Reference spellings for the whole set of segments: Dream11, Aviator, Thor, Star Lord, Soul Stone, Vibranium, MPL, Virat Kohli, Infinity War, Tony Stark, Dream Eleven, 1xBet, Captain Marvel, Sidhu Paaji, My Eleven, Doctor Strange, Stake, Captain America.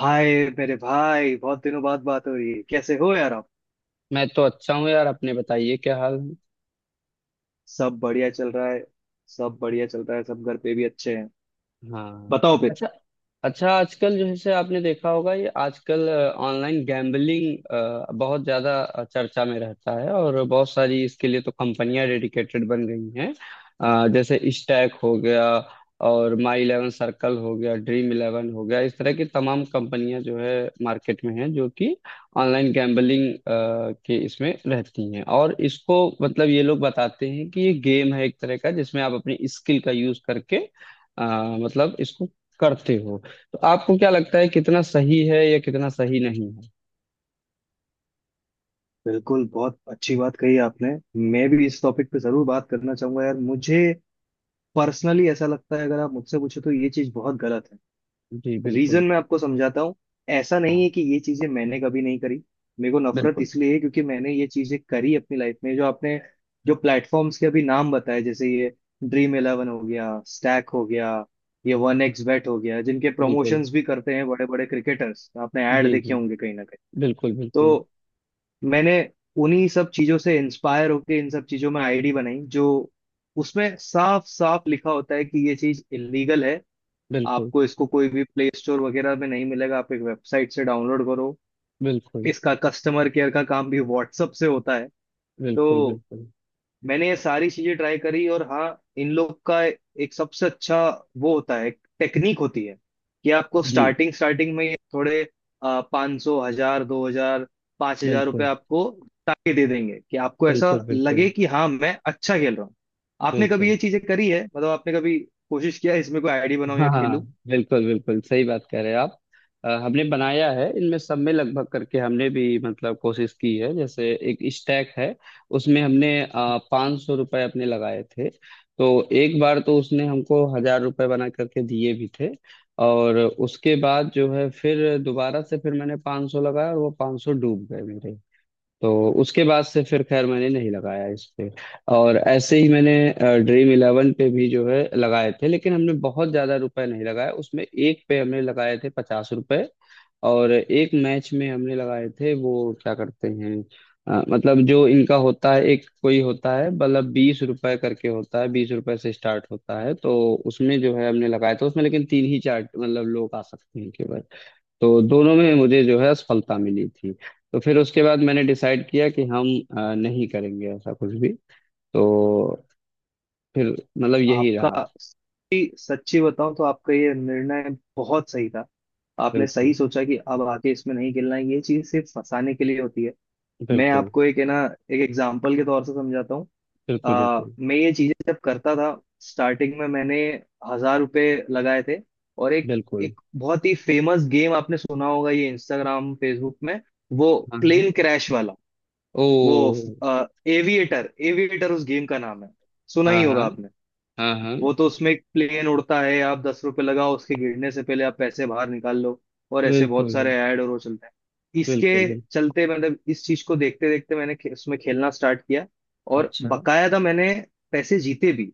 हाय! मेरे भाई, बहुत दिनों बाद बात हो रही है। कैसे हो यार आप? मैं तो अच्छा हूँ यार अपने बताइए क्या हाल है? सब बढ़िया चल रहा है। सब बढ़िया चल रहा है, सब घर पे भी अच्छे हैं। हाँ। बताओ फिर। अच्छा। अच्छा आजकल जो है से आपने देखा होगा ये आजकल ऑनलाइन गैम्बलिंग बहुत ज्यादा चर्चा में रहता है और बहुत सारी इसके लिए तो कंपनियां डेडिकेटेड बन गई हैं। जैसे स्टैक हो गया और माई इलेवन सर्कल हो गया ड्रीम इलेवन हो गया इस तरह की तमाम कंपनियां जो है मार्केट में हैं जो कि ऑनलाइन गैम्बलिंग के इसमें रहती हैं। और इसको मतलब ये लोग बताते हैं कि ये गेम है एक तरह का जिसमें आप अपनी स्किल का यूज करके मतलब इसको करते हो। तो आपको क्या लगता है कितना सही है या कितना सही नहीं है? बिल्कुल, बहुत अच्छी बात कही आपने। मैं भी इस टॉपिक पे जरूर बात करना चाहूंगा यार। मुझे पर्सनली ऐसा लगता है, अगर आप मुझसे पूछो तो ये चीज बहुत गलत जी है। बिल्कुल। रीजन मैं आपको समझाता हूँ। ऐसा नहीं हाँ। है कि ये चीजें मैंने कभी नहीं करी। मेरे को नफरत बिल्कुल इसलिए है क्योंकि मैंने ये चीजें करी अपनी लाइफ में। जो आपने जो प्लेटफॉर्म्स के अभी नाम बताए, जैसे ये ड्रीम इलेवन हो गया, स्टैक हो गया, ये वन एक्स बेट हो गया, जिनके बिल्कुल। प्रमोशंस भी करते हैं बड़े बड़े क्रिकेटर्स, आपने ऐड जी देखे जी। होंगे कहीं ना कहीं। बिल्कुल बिल्कुल। तो मैंने उन्हीं सब चीजों से इंस्पायर होके इन सब चीजों में आईडी बनाई, जो उसमें साफ साफ लिखा होता है कि ये चीज इलीगल है। बिल्कुल आपको इसको कोई भी प्ले स्टोर वगैरह में नहीं मिलेगा, आप एक वेबसाइट से डाउनलोड करो। बिल्कुल। इसका कस्टमर केयर का काम भी व्हाट्सअप से होता है। बिल्कुल तो बिल्कुल। मैंने ये सारी चीजें ट्राई करी। और हाँ, इन लोग का एक सबसे अच्छा वो होता है, टेक्निक होती है कि आपको जी। स्टार्टिंग स्टार्टिंग में थोड़े पाँच सौ, हजार, दो हजार, पाँच हजार रुपये बिल्कुल आपको ताकि दे देंगे कि आपको ऐसा बिल्कुल। लगे बिल्कुल कि हाँ मैं अच्छा खेल रहा हूँ। आपने कभी बिल्कुल। ये चीजें करी है? मतलब आपने कभी कोशिश किया है इसमें, कोई आईडी बनाऊं हाँ या हाँ। खेलूं? बिल्कुल बिल्कुल सही बात कह रहे हैं आप। हमने बनाया है इनमें सब में लगभग करके हमने भी मतलब कोशिश की है जैसे एक स्टैक है उसमें हमने 500 रुपये अपने लगाए थे। तो एक बार तो उसने हमको 1000 रुपये बना करके दिए भी थे। और उसके बाद जो है फिर दोबारा से फिर मैंने 500 लगाया और वो 500 डूब गए मेरे। तो उसके बाद से फिर खैर मैंने नहीं लगाया इस पे। और ऐसे ही मैंने ड्रीम इलेवन पे भी जो है लगाए थे लेकिन हमने बहुत ज्यादा रुपए नहीं लगाए उसमें एक पे हमने लगाए थे 50 रुपए। और एक मैच में हमने लगाए थे वो क्या करते हैं मतलब जो इनका होता है एक कोई होता है मतलब 20 रुपए करके होता है 20 रुपए से स्टार्ट होता है। तो उसमें जो है हमने लगाया था उसमें लेकिन तीन ही चार मतलब लोग आ सकते हैं केवल। तो दोनों में मुझे जो है असफलता मिली थी। तो फिर उसके बाद मैंने डिसाइड किया कि हम नहीं करेंगे ऐसा कुछ भी। तो फिर मतलब यही रहा। आपका, सच्ची सच्ची बताऊं तो आपका ये निर्णय बहुत सही था। आपने सही बिल्कुल सोचा कि अब आके इसमें नहीं खेलना है, ये चीज सिर्फ फंसाने के लिए होती है। मैं बिल्कुल। आपको, एक है ना, एक एग्जाम्पल के तौर से समझाता हूँ। बिल्कुल बिल्कुल। मैं ये चीजें जब करता था, स्टार्टिंग में मैंने 1000 रुपए लगाए थे। और एक बिल्कुल। एक बहुत ही फेमस गेम आपने सुना होगा, ये इंस्टाग्राम फेसबुक में, वो हाँ हाँ। प्लेन क्रैश वाला, ओ। वो एविएटर, एविएटर उस गेम का नाम है, सुना हाँ ही हाँ। होगा आपने। हाँ हाँ। वो तो उसमें एक प्लेन उड़ता है, आप 10 रुपए लगाओ, उसके गिरने से पहले आप पैसे बाहर निकाल लो। और ऐसे बिल्कुल बहुत बिल्कुल। सारे ऐड और वो चलते हैं। इसके बिल्कुल। चलते, मतलब इस चीज को देखते देखते, मैंने उसमें खेलना स्टार्ट किया और अच्छा। बकायदा मैंने पैसे जीते भी।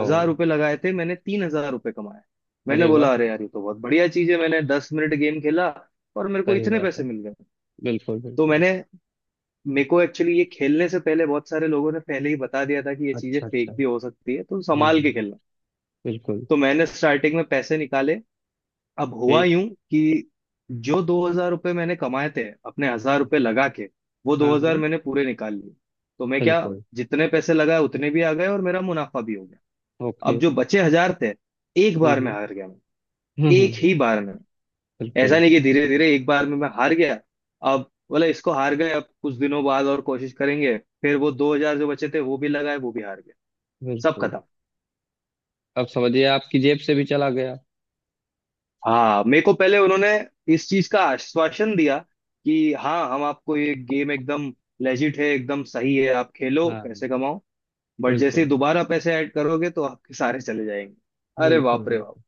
ओ। रुपए लगाए थे मैंने, 3000 रुपए कमाए। मैंने अरे वाह। बोला अरे यार ये तो बहुत बढ़िया चीज है, मैंने 10 मिनट गेम खेला और मेरे को सही इतने बात पैसे है। मिल गए। बिल्कुल तो बिल्कुल। मैंने, मेरे को एक्चुअली ये खेलने से पहले बहुत सारे लोगों ने पहले ही बता दिया था कि ये चीजें अच्छा अच्छा। फेक भी हो सकती है तो हाँ। संभाल के खेलना। बिल्कुल। तो मैंने स्टार्टिंग में पैसे निकाले। अब हुआ ठीक। यूं कि जो 2000 रुपये मैंने कमाए थे अपने 1000 रुपये लगा के, वो दो हाँ हाँ। हजार मैंने पूरे निकाल लिए। तो मैं क्या, बिल्कुल। जितने पैसे लगाए उतने भी आ गए और मेरा मुनाफा भी हो गया। ओके। अब जो बचे हजार थे, एक हाँ बार में हाँ। हार गया मैं, हाँ हाँ। एक ही बार में। ऐसा बिल्कुल। नहीं कि धीरे धीरे, एक बार में मैं हार गया। अब बोला इसको हार गए, अब कुछ दिनों बाद और कोशिश करेंगे। फिर वो 2000 जो बचे थे वो भी लगाए, वो भी हार गए, सब बिल्कुल। खत्म। अब समझिए आपकी जेब से भी चला गया। हाँ, मेरे को पहले उन्होंने इस चीज का आश्वासन दिया कि हाँ हम आपको ये गेम एकदम लेजिट है, एकदम सही है, आप खेलो हाँ। पैसे कमाओ। बट जैसे ही बिल्कुल। दोबारा पैसे ऐड करोगे तो आपके सारे चले जाएंगे। अरे बिल्कुल बाप रे बाप! बिल्कुल।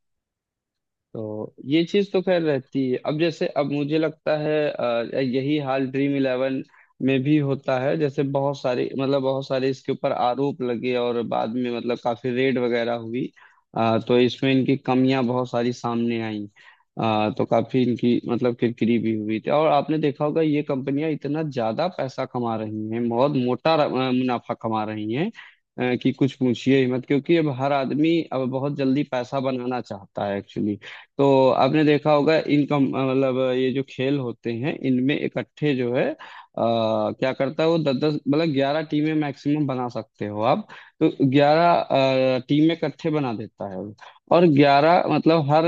तो ये चीज तो खैर रहती है अब जैसे अब मुझे लगता है यही हाल ड्रीम इलेवन में भी होता है जैसे बहुत सारे मतलब बहुत सारे इसके ऊपर आरोप लगे और बाद में मतलब काफी रेड वगैरह हुई। तो इसमें इनकी कमियां बहुत सारी सामने आई। तो काफी इनकी मतलब किरकिरी भी हुई थी और आपने देखा होगा ये कंपनियां इतना ज्यादा पैसा कमा रही हैं बहुत मोटा मुनाफा कमा रही हैं। कि कुछ पूछिए ही मत क्योंकि अब हर आदमी अब बहुत जल्दी पैसा बनाना चाहता है एक्चुअली। तो आपने देखा होगा इनकम मतलब ये जो खेल होते हैं इनमें इकट्ठे जो है क्या करता है वो दस दस मतलब 11 टीमें मैक्सिमम बना सकते हो आप। तो 11 टीमें इकट्ठे बना देता है वो। और 11 मतलब हर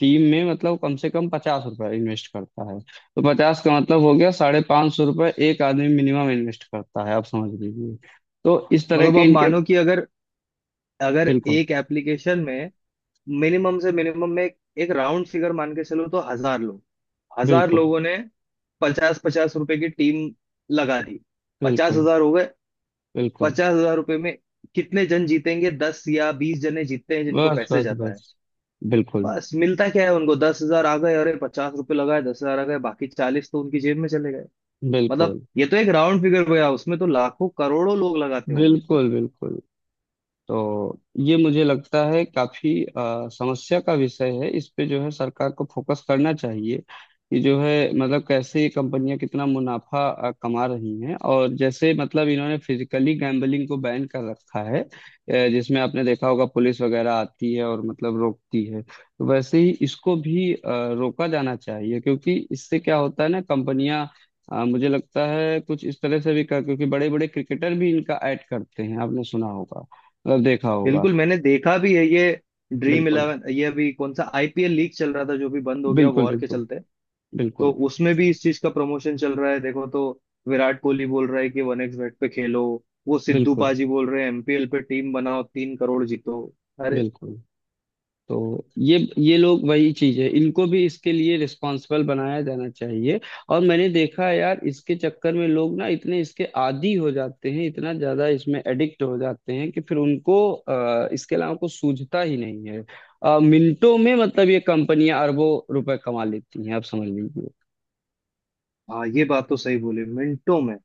टीम में मतलब कम से कम 50 रुपए इन्वेस्ट करता है तो 50 का मतलब हो गया 550 रुपए एक आदमी मिनिमम इन्वेस्ट करता है आप समझ लीजिए। तो इस तरह मतलब के अब इनके। मानो कि अगर अगर बिल्कुल एक एप्लीकेशन में मिनिमम से मिनिमम में एक राउंड फिगर मान के चलो, तो हजार बिल्कुल। लोगों ने पचास पचास रुपए की टीम लगा दी, पचास बिल्कुल हजार हो गए बिल्कुल। 50,000 रुपये में कितने जन जीतेंगे? 10 या 20 जने जीतते हैं जिनको बस पैसे बस जाता है। बस। बिल्कुल बस मिलता क्या है उनको? 10,000 आ गए। अरे पचास रुपए लगाए, 10,000 आ गए, बाकी 40 तो उनकी जेब में चले गए। मतलब बिल्कुल। ये तो एक राउंड फिगर गया, उसमें तो लाखों करोड़ों लोग लगाते होंगे। बिल्कुल बिल्कुल। तो ये मुझे लगता है काफी समस्या का विषय है इस पे जो है सरकार को फोकस करना चाहिए। कि जो है मतलब कैसे ये कंपनियां कितना मुनाफा कमा रही हैं और जैसे मतलब इन्होंने फिजिकली गैम्बलिंग को बैन कर रखा है जिसमें आपने देखा होगा पुलिस वगैरह आती है और मतलब रोकती है। तो वैसे ही इसको भी रोका जाना चाहिए क्योंकि इससे क्या होता है ना कंपनियां। मुझे लगता है कुछ इस तरह से भी कर क्योंकि बड़े बड़े क्रिकेटर भी इनका ऐड करते हैं आपने सुना होगा मतलब देखा होगा। बिल्कुल, मैंने देखा भी है ये ड्रीम बिल्कुल इलेवन। ये अभी कौन सा आईपीएल लीग चल रहा था जो भी बंद हो गया बिल्कुल। वॉर के बिल्कुल चलते, तो बिल्कुल। उसमें भी इस चीज का प्रमोशन चल रहा है। देखो तो, विराट कोहली बोल रहा है कि वन एक्स बेट पे खेलो। वो सिद्धू बिल्कुल। पाजी बोल रहे हैं एमपीएल पे टीम बनाओ 3 करोड़ जीतो। अरे! बिल्कुल। तो ये लोग वही चीज है इनको भी इसके लिए रिस्पॉन्सिबल बनाया जाना चाहिए। और मैंने देखा है यार इसके चक्कर में लोग ना इतने इसके आदी हो जाते हैं इतना ज्यादा इसमें एडिक्ट हो जाते हैं कि फिर उनको इसके अलावा कुछ सूझता ही नहीं है। मिनटों में मतलब ये कंपनियां अरबों रुपए कमा लेती हैं आप समझ लीजिए। हाँ ये बात तो सही बोली, मिनटों में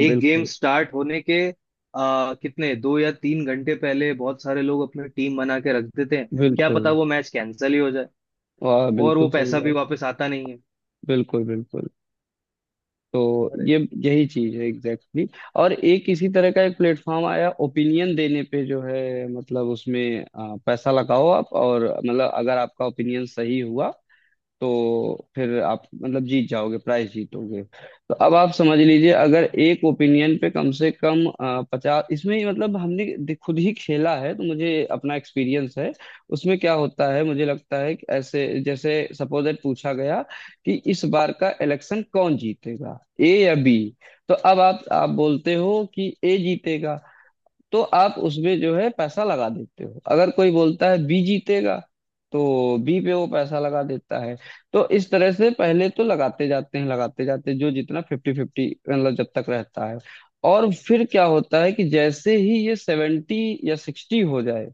एक गेम बिल्कुल स्टार्ट होने के कितने, दो या तीन घंटे पहले बहुत सारे लोग अपनी टीम बना के रख देते हैं। क्या बिल्कुल। पता वो मैच कैंसिल ही हो जाए वाह और वो बिल्कुल सही पैसा भी बात। वापस आता नहीं है। बिल्कुल बिल्कुल। तो अरे, ये यही चीज है एग्जैक्टली exactly. और एक इसी तरह का एक प्लेटफॉर्म आया ओपिनियन देने पे जो है मतलब उसमें पैसा लगाओ आप और मतलब अगर आपका ओपिनियन सही हुआ तो फिर आप मतलब जीत जाओगे प्राइस जीतोगे। तो अब आप समझ लीजिए अगर एक ओपिनियन पे कम से कम 50 इसमें ही मतलब हमने खुद ही खेला है तो मुझे अपना एक्सपीरियंस है। उसमें क्या होता है मुझे लगता है कि ऐसे जैसे सपोज दैट पूछा गया कि इस बार का इलेक्शन कौन जीतेगा ए या बी? तो अब आप बोलते हो कि ए जीतेगा। तो आप उसमें जो है पैसा लगा देते हो अगर कोई बोलता है बी जीतेगा तो बी पे वो पैसा लगा देता है। तो इस तरह से पहले तो लगाते जाते हैं जो जितना फिफ्टी फिफ्टी मतलब जब तक रहता है। और फिर क्या होता है कि जैसे ही ये 70 या 60 हो जाए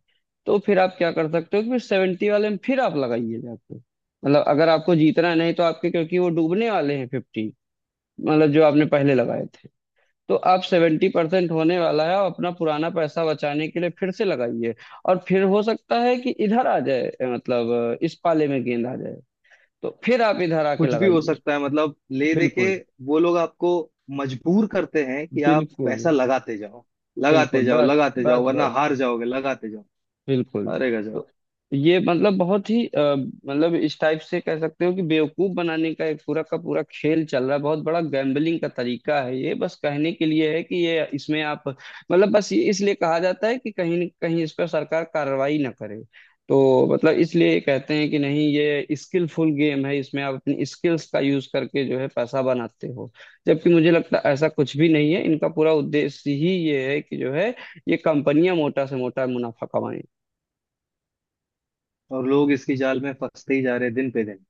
तो फिर आप क्या कर सकते हो कि फिर 70 वाले में फिर आप लगाइए जाके मतलब अगर आपको जीतना है नहीं तो आपके क्योंकि वो डूबने वाले हैं फिफ्टी मतलब जो आपने पहले लगाए थे। तो आप 70% होने वाला है और अपना पुराना पैसा बचाने के लिए फिर से लगाइए। और फिर हो सकता है कि इधर आ जाए मतलब इस पाले में गेंद आ जाए तो फिर आप इधर आके कुछ भी हो लगाइए। सकता है मतलब। ले दे के बिल्कुल वो लोग आपको मजबूर करते हैं कि आप बिल्कुल। पैसा लगाते जाओ, लगाते बिल्कुल। जाओ, बस लगाते जाओ, बस वरना बस। हार जाओगे, लगाते जाओ। बिल्कुल। अरे गजब! तो ये मतलब बहुत ही मतलब इस टाइप से कह सकते हो कि बेवकूफ बनाने का एक पूरा का पूरा खेल चल रहा है बहुत बड़ा गैम्बलिंग का तरीका है ये बस कहने के लिए है कि ये इसमें आप मतलब बस ये इसलिए कहा जाता है कि कहीं न कहीं इस पर सरकार कार्रवाई ना करे। तो मतलब इसलिए कहते हैं कि नहीं ये स्किलफुल गेम है इसमें आप अपनी स्किल्स का यूज करके जो है पैसा बनाते हो। जबकि मुझे लगता है ऐसा कुछ भी नहीं है इनका पूरा उद्देश्य ही ये है कि जो है ये कंपनियां मोटा से मोटा मुनाफा कमाएं। और लोग इसकी जाल में फंसते ही जा रहे हैं दिन पे दिन,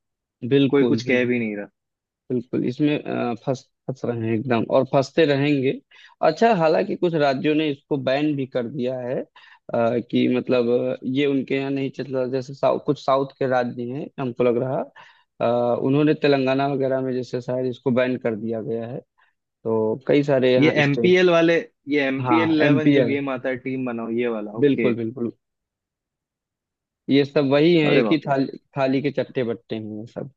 कोई बिल्कुल कुछ बिल्कुल। कह भी नहीं रहा। बिल्कुल। इसमें फंस फंस रहे हैं एकदम और फंसते रहेंगे। अच्छा हालांकि कुछ राज्यों ने इसको बैन भी कर दिया है कि मतलब ये उनके यहाँ नहीं चल रहा जैसे कुछ साउथ के राज्य हैं हमको लग रहा। उन्होंने तेलंगाना वगैरह में जैसे शायद इसको बैन कर दिया गया है। तो कई सारे ये यहाँ स्टेट। एमपीएल वाले, ये एमपीएल हाँ 11 जो एमपीएल। गेम आता है टीम बनाओ ये वाला, ओके। बिल्कुल बिल्कुल। ये सब वही हैं अरे एक ही बाप रे! थाली थाली के चट्टे बट्टे हैं ये सब।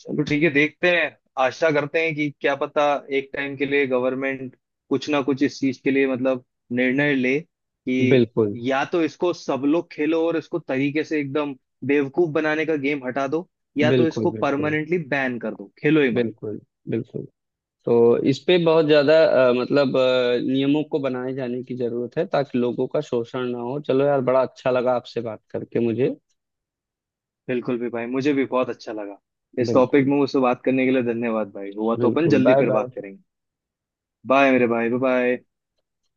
चलो, ठीक है, देखते हैं। आशा करते हैं कि क्या पता एक टाइम के लिए गवर्नमेंट कुछ ना कुछ इस चीज के लिए मतलब निर्णय ले, कि बिल्कुल या तो इसको सब लोग खेलो और इसको तरीके से, एकदम बेवकूफ बनाने का गेम हटा दो, या तो बिल्कुल। इसको बिल्कुल। परमानेंटली बैन कर दो, खेलो ही मत। बिल्कुल। बिल्कुल। तो इस पे बहुत ज्यादा मतलब नियमों को बनाए जाने की जरूरत है ताकि लोगों का शोषण ना हो। चलो यार बड़ा अच्छा लगा आपसे बात करके मुझे। बिल्कुल भी भाई, मुझे भी बहुत अच्छा लगा इस टॉपिक बिल्कुल में मुझसे बात करने के लिए। धन्यवाद भाई! हुआ तो अपन बिल्कुल। जल्दी बाय फिर बात बाय। करेंगे। बाय मेरे भाई, बाय बाय।